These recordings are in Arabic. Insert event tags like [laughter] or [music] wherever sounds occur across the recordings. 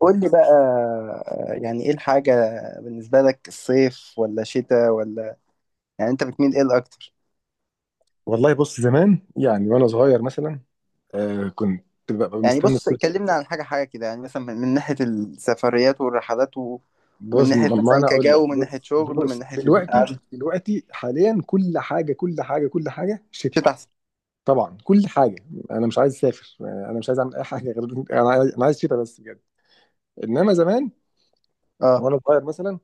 قول لي بقى، يعني ايه الحاجة بالنسبة لك؟ الصيف ولا شتاء؟ ولا يعني انت بتميل ايه الاكتر؟ والله بص زمان، يعني وانا صغير مثلا كنت ببقى يعني مستني بص، الصيف. كلمنا عن حاجة حاجة كده، يعني مثلا من ناحية السفريات والرحلات، ومن بص ناحية ما مثلا انا اقول لك، كجو، من ناحية بص شغل، من بص ناحية دلوقتي القعدة. دلوقتي حاليا كل حاجه كل حاجه كل حاجه شتاء. شتاء احسن. طبعا كل حاجه. انا مش عايز اسافر، انا مش عايز اعمل اي حاجه، غير انا عايز أنا عايز شتاء بس بجد. انما زمان اه. وانا صغير مثلا،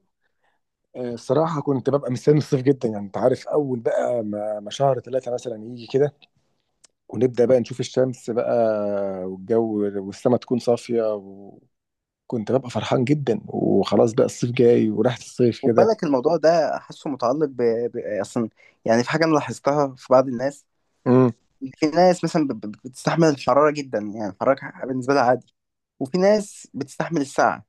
الصراحه كنت ببقى مستني الصيف جدا. يعني انت عارف، اول بقى ما شهر ثلاثه مثلا يجي كده، ونبدا بقى نشوف الشمس بقى، والجو والسما تكون صافيه. كنت ببقى فرحان جدا، وخلاص بقى الصيف جاي وريحة الصيف خد كده. بالك الموضوع ده، حاسه متعلق اصلا. يعني في حاجة انا لاحظتها في بعض الناس، امم. إن في ناس مثلا بتستحمل الحرارة جدا، يعني الحرارة بالنسبة لها عادي. وفي ناس بتستحمل السقعة.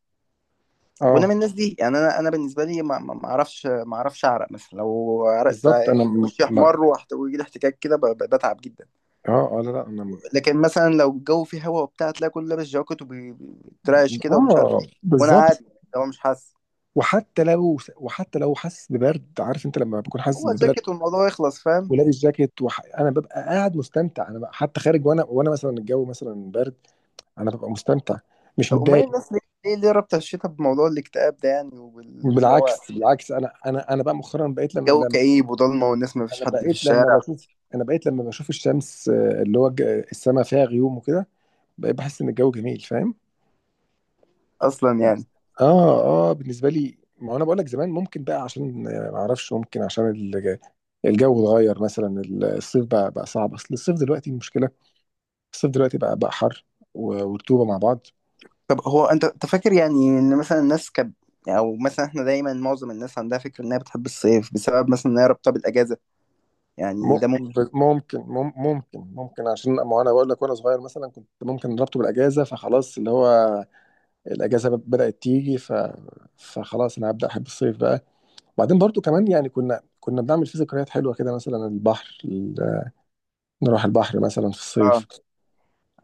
وانا اه من الناس دي، يعني انا بالنسبه لي ما اعرفش اعرق مثلا لو عرقت، بالظبط انا م- وشي ما احمر، ويجي لي احتكاك كده، بتعب جدا. اه اه لا لا انا لكن مثلا لو الجو فيه هوا وبتاع، تلاقي كله لابس جاكيت وبيترعش كده، ومش عارف ايه، اه وانا قاعد. بالظبط. هو مش حاسس، وحتى لو حاسس ببرد، عارف انت لما بكون حاسس هو ببرد جاكيت والموضوع يخلص، فاهم؟ ولابس جاكيت انا ببقى قاعد مستمتع. انا بقى حتى خارج، وانا مثلا الجو مثلا برد، انا ببقى مستمتع، مش طب امال متضايق. الناس ليه رابطه الشتاء بموضوع الاكتئاب ده يعني؟ وبان هو بالعكس بالعكس، انا بقى مؤخرا بقيت لما جو لما كئيب وضلمه والناس، ما فيش انا حد في بقيت لما الشارع بشوف انا بقيت لما بشوف الشمس، اللي هو السماء فيها غيوم وكده، بقيت بحس ان الجو جميل، فاهم. اصلا، يعني. اه اه بالنسبه لي، ما هو انا بقول لك زمان، ممكن بقى عشان، ما اعرفش، ممكن عشان الجو اتغير مثلا، الصيف بقى صعب. اصل الصيف دلوقتي المشكله، الصيف دلوقتي بقى حر ورطوبه مع بعض. طب هو انت فاكر يعني ان مثلا الناس او مثلا احنا دايما، معظم الناس عندها فكره انها بتحب الصيف بسبب مثلا انها رابطه بالاجازه، م- يعني ده ممكن؟ ب- ممكن مم- ممكن ممكن، عشان ما انا بقول لك وانا صغير مثلا، كنت ممكن ربطه بالاجازه، فخلاص اللي هو الاجازه بدات تيجي، ف فخلاص انا هبدا احب الصيف بقى. وبعدين برضو كمان، يعني كنا بنعمل فيه ذكريات حلوه كده، مثلا البحر، نروح البحر مثلا في اه، الصيف.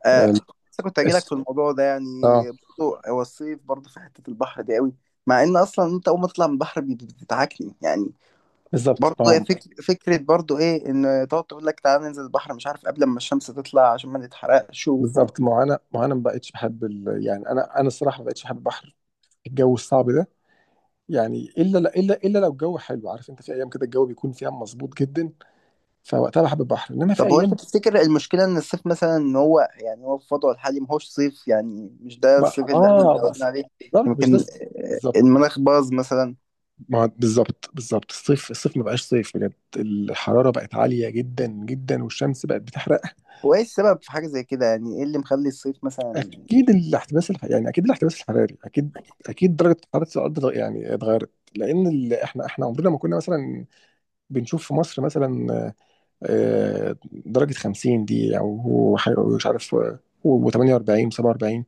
اه. أم. لسه كنت هجيلك اس- في الموضوع ده، يعني اه برضه هو الصيف برضه في حته البحر دي قوي. مع ان اصلا انت اول ما تطلع من البحر بتتعكني يعني. بالظبط برضه هي فكره برضه ايه، ان تقعد تقول لك تعالى ننزل البحر مش عارف قبل ما الشمس تطلع عشان ما نتحرقش. ما هو انا ما بقتش بحب يعني انا الصراحه ما بقتش بحب البحر، الجو الصعب ده. يعني الا لو الجو حلو، عارف انت، في ايام كده الجو بيكون فيها مظبوط جدا، فوقتها بحب البحر، انما في طب هو انت ايام. تفتكر المشكله ان الصيف مثلا، ان هو يعني هو في وضعه الحالي ما هوش صيف؟ يعني مش ده بقى الصيف اللي احنا اه متعودين بس. عليه؟ بالظبط مش يمكن ده. بالظبط المناخ باظ مثلا. بالظبط الصيف الصيف ما بقاش صيف بجد، الحراره بقت عاليه جدا جدا، والشمس بقت بتحرق. هو ايه السبب في حاجه زي كده؟ يعني ايه اللي مخلي الصيف مثلا؟ اكيد الاحتباس الح... يعني اكيد الاحتباس الحراري، اكيد اكيد درجه حراره الارض اتغيرت، لان احنا عمرنا ما كنا مثلا بنشوف في مصر مثلا، آه، درجه 50 دي، او مش عارف، و48 و47،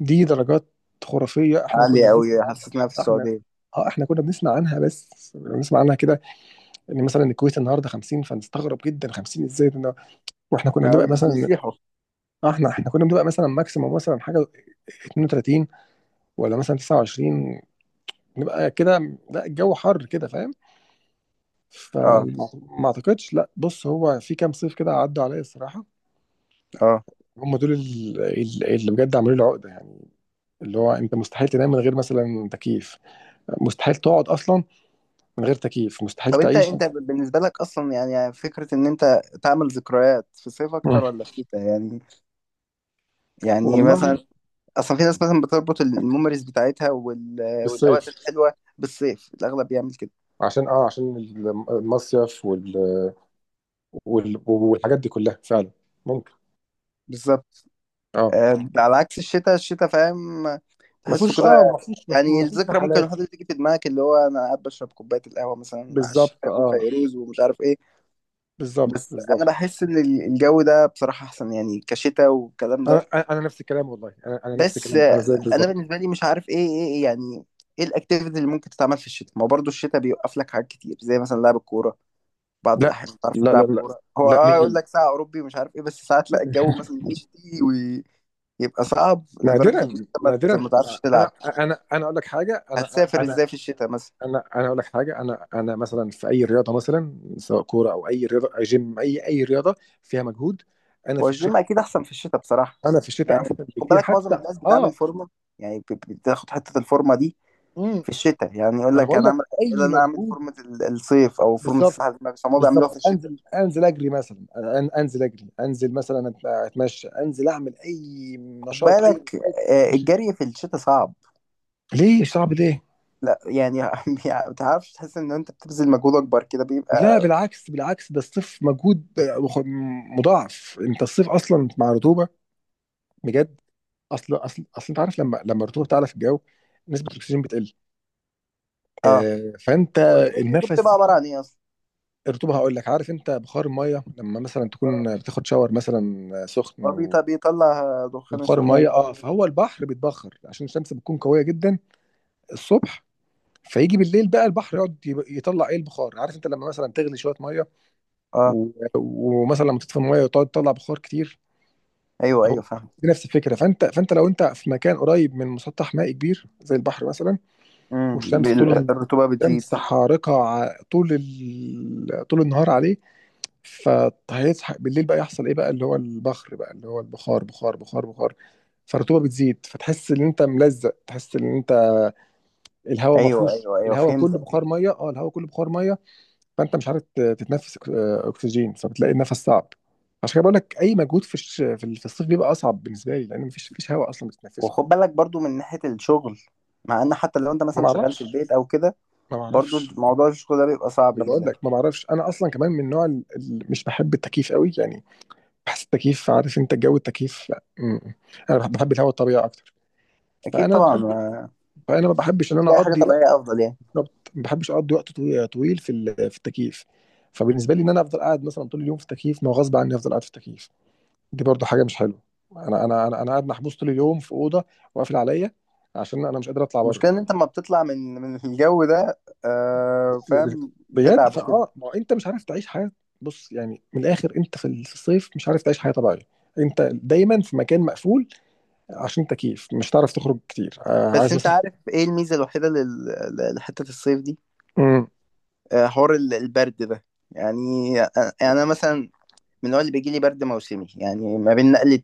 دي درجات خرافيه احنا كنا عالي بنسمع قوي، عنها. حسيتنا في احنا السعوديه. كنا بنسمع عنها، بس بنسمع عنها كده، ان مثلا الكويت النهارده 50، فنستغرب جدا، 50 ازاي ده؟ واحنا كنا بنبقى يعني مثلا، بيسيحوا. احنا كنا بنبقى مثلا ماكسيموم مثلا حاجه 32 ولا مثلا 29، نبقى كده، لا الجو حر كده، فاهم. اه، فما اعتقدش، لا بص، هو في كام صيف كده عدوا عليا الصراحه، اه. هم دول اللي بجد عملوا لي عقده. يعني اللي هو انت مستحيل تنام من غير مثلا تكييف، مستحيل تقعد اصلا من غير تكييف، مستحيل طب انت تعيش. انت بالنسبه لك اصلا، يعني فكره ان انت تعمل ذكريات في الصيف مم. اكتر ولا في الشتاء؟ يعني مثلا، والله اصلا في ناس مثلا بتربط الميموريز بتاعتها والاوقات بالصيف، الحلوه بالصيف، الاغلب بيعمل كده. عشان عشان المصيف والحاجات دي كلها فعلا، ممكن. بالظبط. اه على عكس الشتاء، الشتاء فاهم، ما تحسه فيهوش، كده. يعني ما فيهوش الذكرى ممكن رحلات. الواحد تيجي في دماغك، اللي هو انا قاعد بشرب كوبايه القهوه مثلا على بالظبط الشتاء، وفيروز ومش عارف ايه. بس انا بالظبط، بحس ان الجو ده بصراحه احسن يعني، كشتاء والكلام انا ده. نفس الكلام والله، انا نفس بس الكلام، انا زيك انا بالظبط. بالنسبه لي مش عارف ايه ايه إيه يعني، ايه الاكتيفيتي اللي ممكن تتعمل في الشتاء؟ ما هو برضه الشتاء بيوقف لك حاجات كتير، زي مثلا لعب الكوره. بعض لا الاحيان ما بتعرفش لا لا تلعب لا كوره، هو لا، مين قال يقول لي؟ لك ساعه اوروبي ومش عارف ايه، بس ساعات لا الجو مثلا يشتي ويبقى صعب لدرجه ان نادرا انت ما نادرا، ما تعرفش انا تلعب. اقول لك حاجه، انا هتسافر ازاي في الشتاء مثلا؟ اقول لك حاجه، انا مثلا في اي رياضه مثلا، سواء كوره او اي رياضه، أي جيم، اي رياضه فيها مجهود. انا هو في الشتاء، الجيم اكيد احسن في الشتاء بصراحه، انا في الشتاء يعني. احسن خد بكتير، بالك، معظم حتى الناس بتعمل فورمه، يعني بتاخد حته الفورمه دي امم. في الشتاء، يعني يقول ما انا لك بقول انا لك، اعمل إيه، اي انا اعمل مجهود. فورمه الصيف او فورمه بالظبط الساحل، بس هم بيعملوها في بالظبط، الشتاء. انزل انزل اجري مثلا، انزل اجري، انزل مثلا اتمشى، انزل اعمل اي خد نشاط، بالك، [laughs] مش- الجري في الشتاء صعب. ليه صعب، ليه؟ لا يعني [laughs] ما تعرفش، تحس ان انت بتبذل مجهود اكبر كده، لا بيبقى. بالعكس بالعكس، ده الصيف مجهود مضاعف. انت الصيف اصلا مع رطوبه، بجد. اصل انت عارف، لما الرطوبه بتعلى في الجو، نسبه الاكسجين بتقل، اه. فانت والركبات دي بتبقى النفس، عباره عن ايه اصلا؟ الرطوبه هقول لك، عارف انت بخار الميه، لما مثلا اه. تكون بتاخد شاور مثلا هو سخن، بيطلع دخان بتبخر سوء يعني؟ الميه. اه فهو البحر بيتبخر، عشان الشمس بتكون قويه جدا الصبح، فيجي بالليل بقى البحر يقعد يطلع ايه؟ البخار. عارف انت لما مثلا تغلي شويه ميه اه، و- ومثلا لما تطفي الميه، وتقعد تطلع بخار كتير، ايوه اهو ايوه فاهم. دي نفس الفكره. فانت لو انت في مكان قريب من مسطح مائي كبير زي البحر مثلا، امم والشمس طول الرطوبه بتزيد. الشمس حارقه طول طول النهار عليه، فهيصحى بالليل بقى يحصل ايه بقى؟ اللي هو البخار، بخار بخار بخار. فالرطوبه بتزيد، فتحس ان انت ملزق، تحس ان انت الهواء ما ايوه فيهوش ايوه ايوه، الهواء كله فهمتك. بخار ميه، اه الهواء كله بخار ميه. فانت مش عارف تتنفس اكسجين، فبتلاقي النفس صعب. عشان كده بقول لك، اي مجهود في الش- في ال- في الصيف بيبقى اصعب بالنسبه لي، لان مفيش هواء اصلا بتتنفسه. وخد بالك برضو من ناحيه الشغل، مع ان حتى لو انت ما مثلا شغال في بعرفش البيت او كده، ما برضو بعرفش. موضوع الشغل ده بيبقى صعب انا بقول جدا. لك ما بعرفش، انا اصلا كمان من نوع مش بحب التكييف قوي، يعني بحس التكييف، عارف انت جو التكييف، م- انا بحب الهواء الطبيعي اكتر. اكيد فانا طبعا، بحب فانا ما بحبش ان انا اكيد اي حاجه اقضي وقت. طبيعيه افضل يعني. بالظبط ما بحبش اقضي وقت طويل في التكييف. فبالنسبه لي، ان انا افضل قاعد مثلا طول اليوم في التكييف، ما هو غصب عني افضل قاعد في التكييف، دي برضو حاجه مش حلوه. انا قاعد محبوس طول اليوم في اوضه وقافل عليا، عشان انا مش قادر اطلع بره، المشكله ان انت لما بتطلع من الجو ده، فاهم، بجد، بتتعب وكده. ما هو انت مش عارف تعيش حياه. بص يعني من الاخر، انت في الصيف مش عارف تعيش حياه طبيعيه، انت دايما في مكان مقفول عشان تكييف، مش هتعرف تخرج كتير، بس عايز انت مثلا. عارف ايه الميزه الوحيده لحته الصيف دي؟ مم. حوار البرد ده. يعني أ- انا مثلا من النوع اللي بيجي لي برد موسمي، يعني ما بين نقله،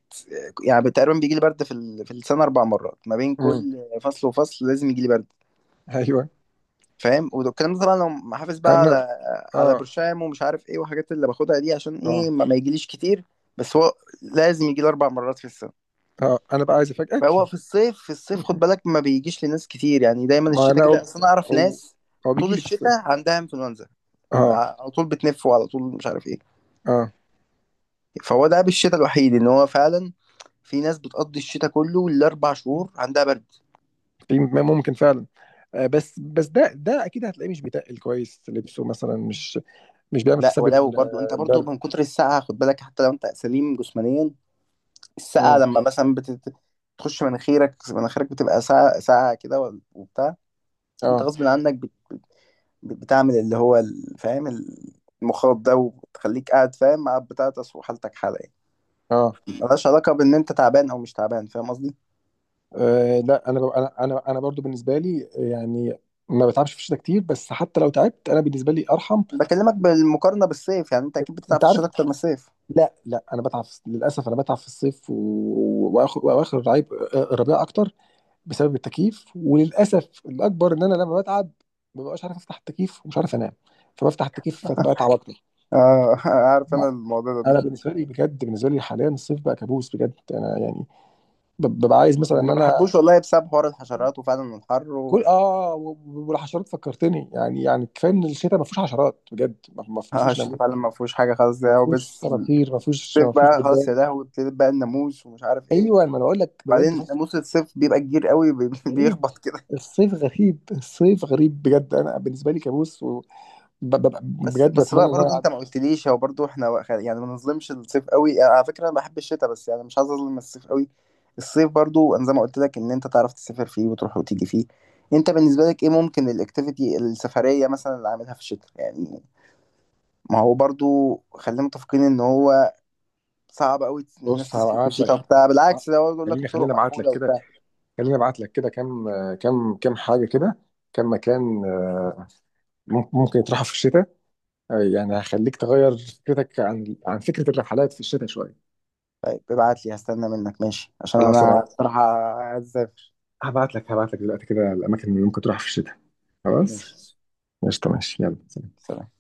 يعني تقريبا بيجي لي برد في السنه 4 مرات، ما بين مم. كل فصل وفصل لازم يجي لي برد. ايوه. فاهم، والكلام ده طبعا لو حافظ بقى انا على اه برشام ومش عارف ايه، والحاجات اللي باخدها دي عشان اه ايه، ما يجيليش كتير. بس هو لازم يجي لي 4 مرات في السنه. اه انا بقى عايز افاجئك. فهو في [laughs] الصيف في الصيف خد بالك ما بيجيش لناس كتير، يعني دايما ما لا الشتاء كده، اصل انا اعرف هو ناس هو طول بيجي لي في الشتاء الصيف. عندها انفلونزا، اه على طول بتنف وعلى طول مش عارف ايه. اه، فهو ده بالشتاء الوحيد، ان هو فعلا في ناس بتقضي الشتاء كله الاربع شهور عندها برد. في ممكن فعلا. بس ده اكيد هتلاقيه مش بيتقل كويس لبسه مثلا، مش بيعمل لا، حساب ولو برضو انت برضو البرد. من كتر السقعه خد بالك، حتى لو انت سليم جسمانيا. السقعه مم. لما مثلا بتخش مناخيرك، مناخيرك بتبقى ساقعه ساقعه كده، وبتاع. انت اه غصب عنك بتعمل اللي هو فاهم، المخاط ده، وبتخليك قاعد فاهم، مع بتاعتس وحالتك حاله يعني. اه. ملهاش علاقه بان انت تعبان او مش تعبان، فاهم قصدي. لا، انا انا برضو بالنسبه لي، يعني ما بتعبش في الشتاء كتير، بس حتى لو تعبت انا بالنسبه لي ارحم. بكلمك بالمقارنه بالصيف، يعني انت اكيد بتتعب انت في الشتاء عارف، اكتر من الصيف. لا لا انا بتعب، للاسف انا بتعب في الصيف واخر الربيع، الربيع اكتر، بسبب التكييف. وللاسف الاكبر، ان انا لما بتعب ما ببقاش عارف افتح التكييف، ومش عارف انام، فبفتح التكييف، فتبقى اتعب اكتر. [laughs] اه، عارف، انا الموضوع ده دي. انا بالنسبه لي بجد، بالنسبه لي حاليا الصيف بقى كابوس، بجد انا يعني ببقى عايز مثلا انا ان ما انا بحبوش والله، بسبب حوار الحشرات وفعلا الحر. كل والحشرات فكرتني، يعني كفايه ان الشتاء ما فيهوش حشرات، بجد ما اه، فيهوش الشتاء نمل، فعلا ما فيهوش حاجه خالص، ما ده فيهوش وبس. صراصير، الصيف ما فيهوش بقى خلاص يا دبان. لهوي، ابتدت بقى الناموس ومش عارف ايه. ايوه ما انا بقول لك بجد، بعدين ناموس الصيف بيبقى كبير قوي [laughs] غريب، بيخبط كده. الصيف غريب، الصيف غريب بجد، انا بالنسبه لي كابوس، وببقى بس بجد بس بقى بتمنى ان هو برضو انت ما يعدي. قلتليش، هو برضو احنا يعني ما نظلمش الصيف قوي. انا على فكره انا بحب الشتاء، بس يعني مش عايز اظلم الصيف قوي. الصيف برضو، انا زي ما قلت لك ان انت تعرف تسافر فيه، وتروح وتيجي فيه. انت بالنسبه لك ايه ممكن الاكتيفيتي السفريه مثلا اللي عاملها في الشتاء، يعني؟ ما هو برضو خلينا متفقين، ان هو صعب قوي الناس بص تسافر في هبعت لك، الشتاء وبتاع، بالعكس ده هو يقول لك خليني الطرق خليني ابعت لك مقفولة كده، وبتاع. خليني ابعت لك كده كام، كام كام حاجه كده، كام مكان، ممكن يطرحوا في الشتاء، يعني هخليك تغير فكرتك عن فكره الرحلات في الشتاء شويه. طيب ابعت لي، هستنى منك، ماشي؟ عشان خلاص انا هبعت، بصراحة عايز اسافر. هبعت لك دلوقتي كده الاماكن اللي ممكن تروح في الشتاء. خلاص، ماشي. قشطه ماشي يلا. سلام.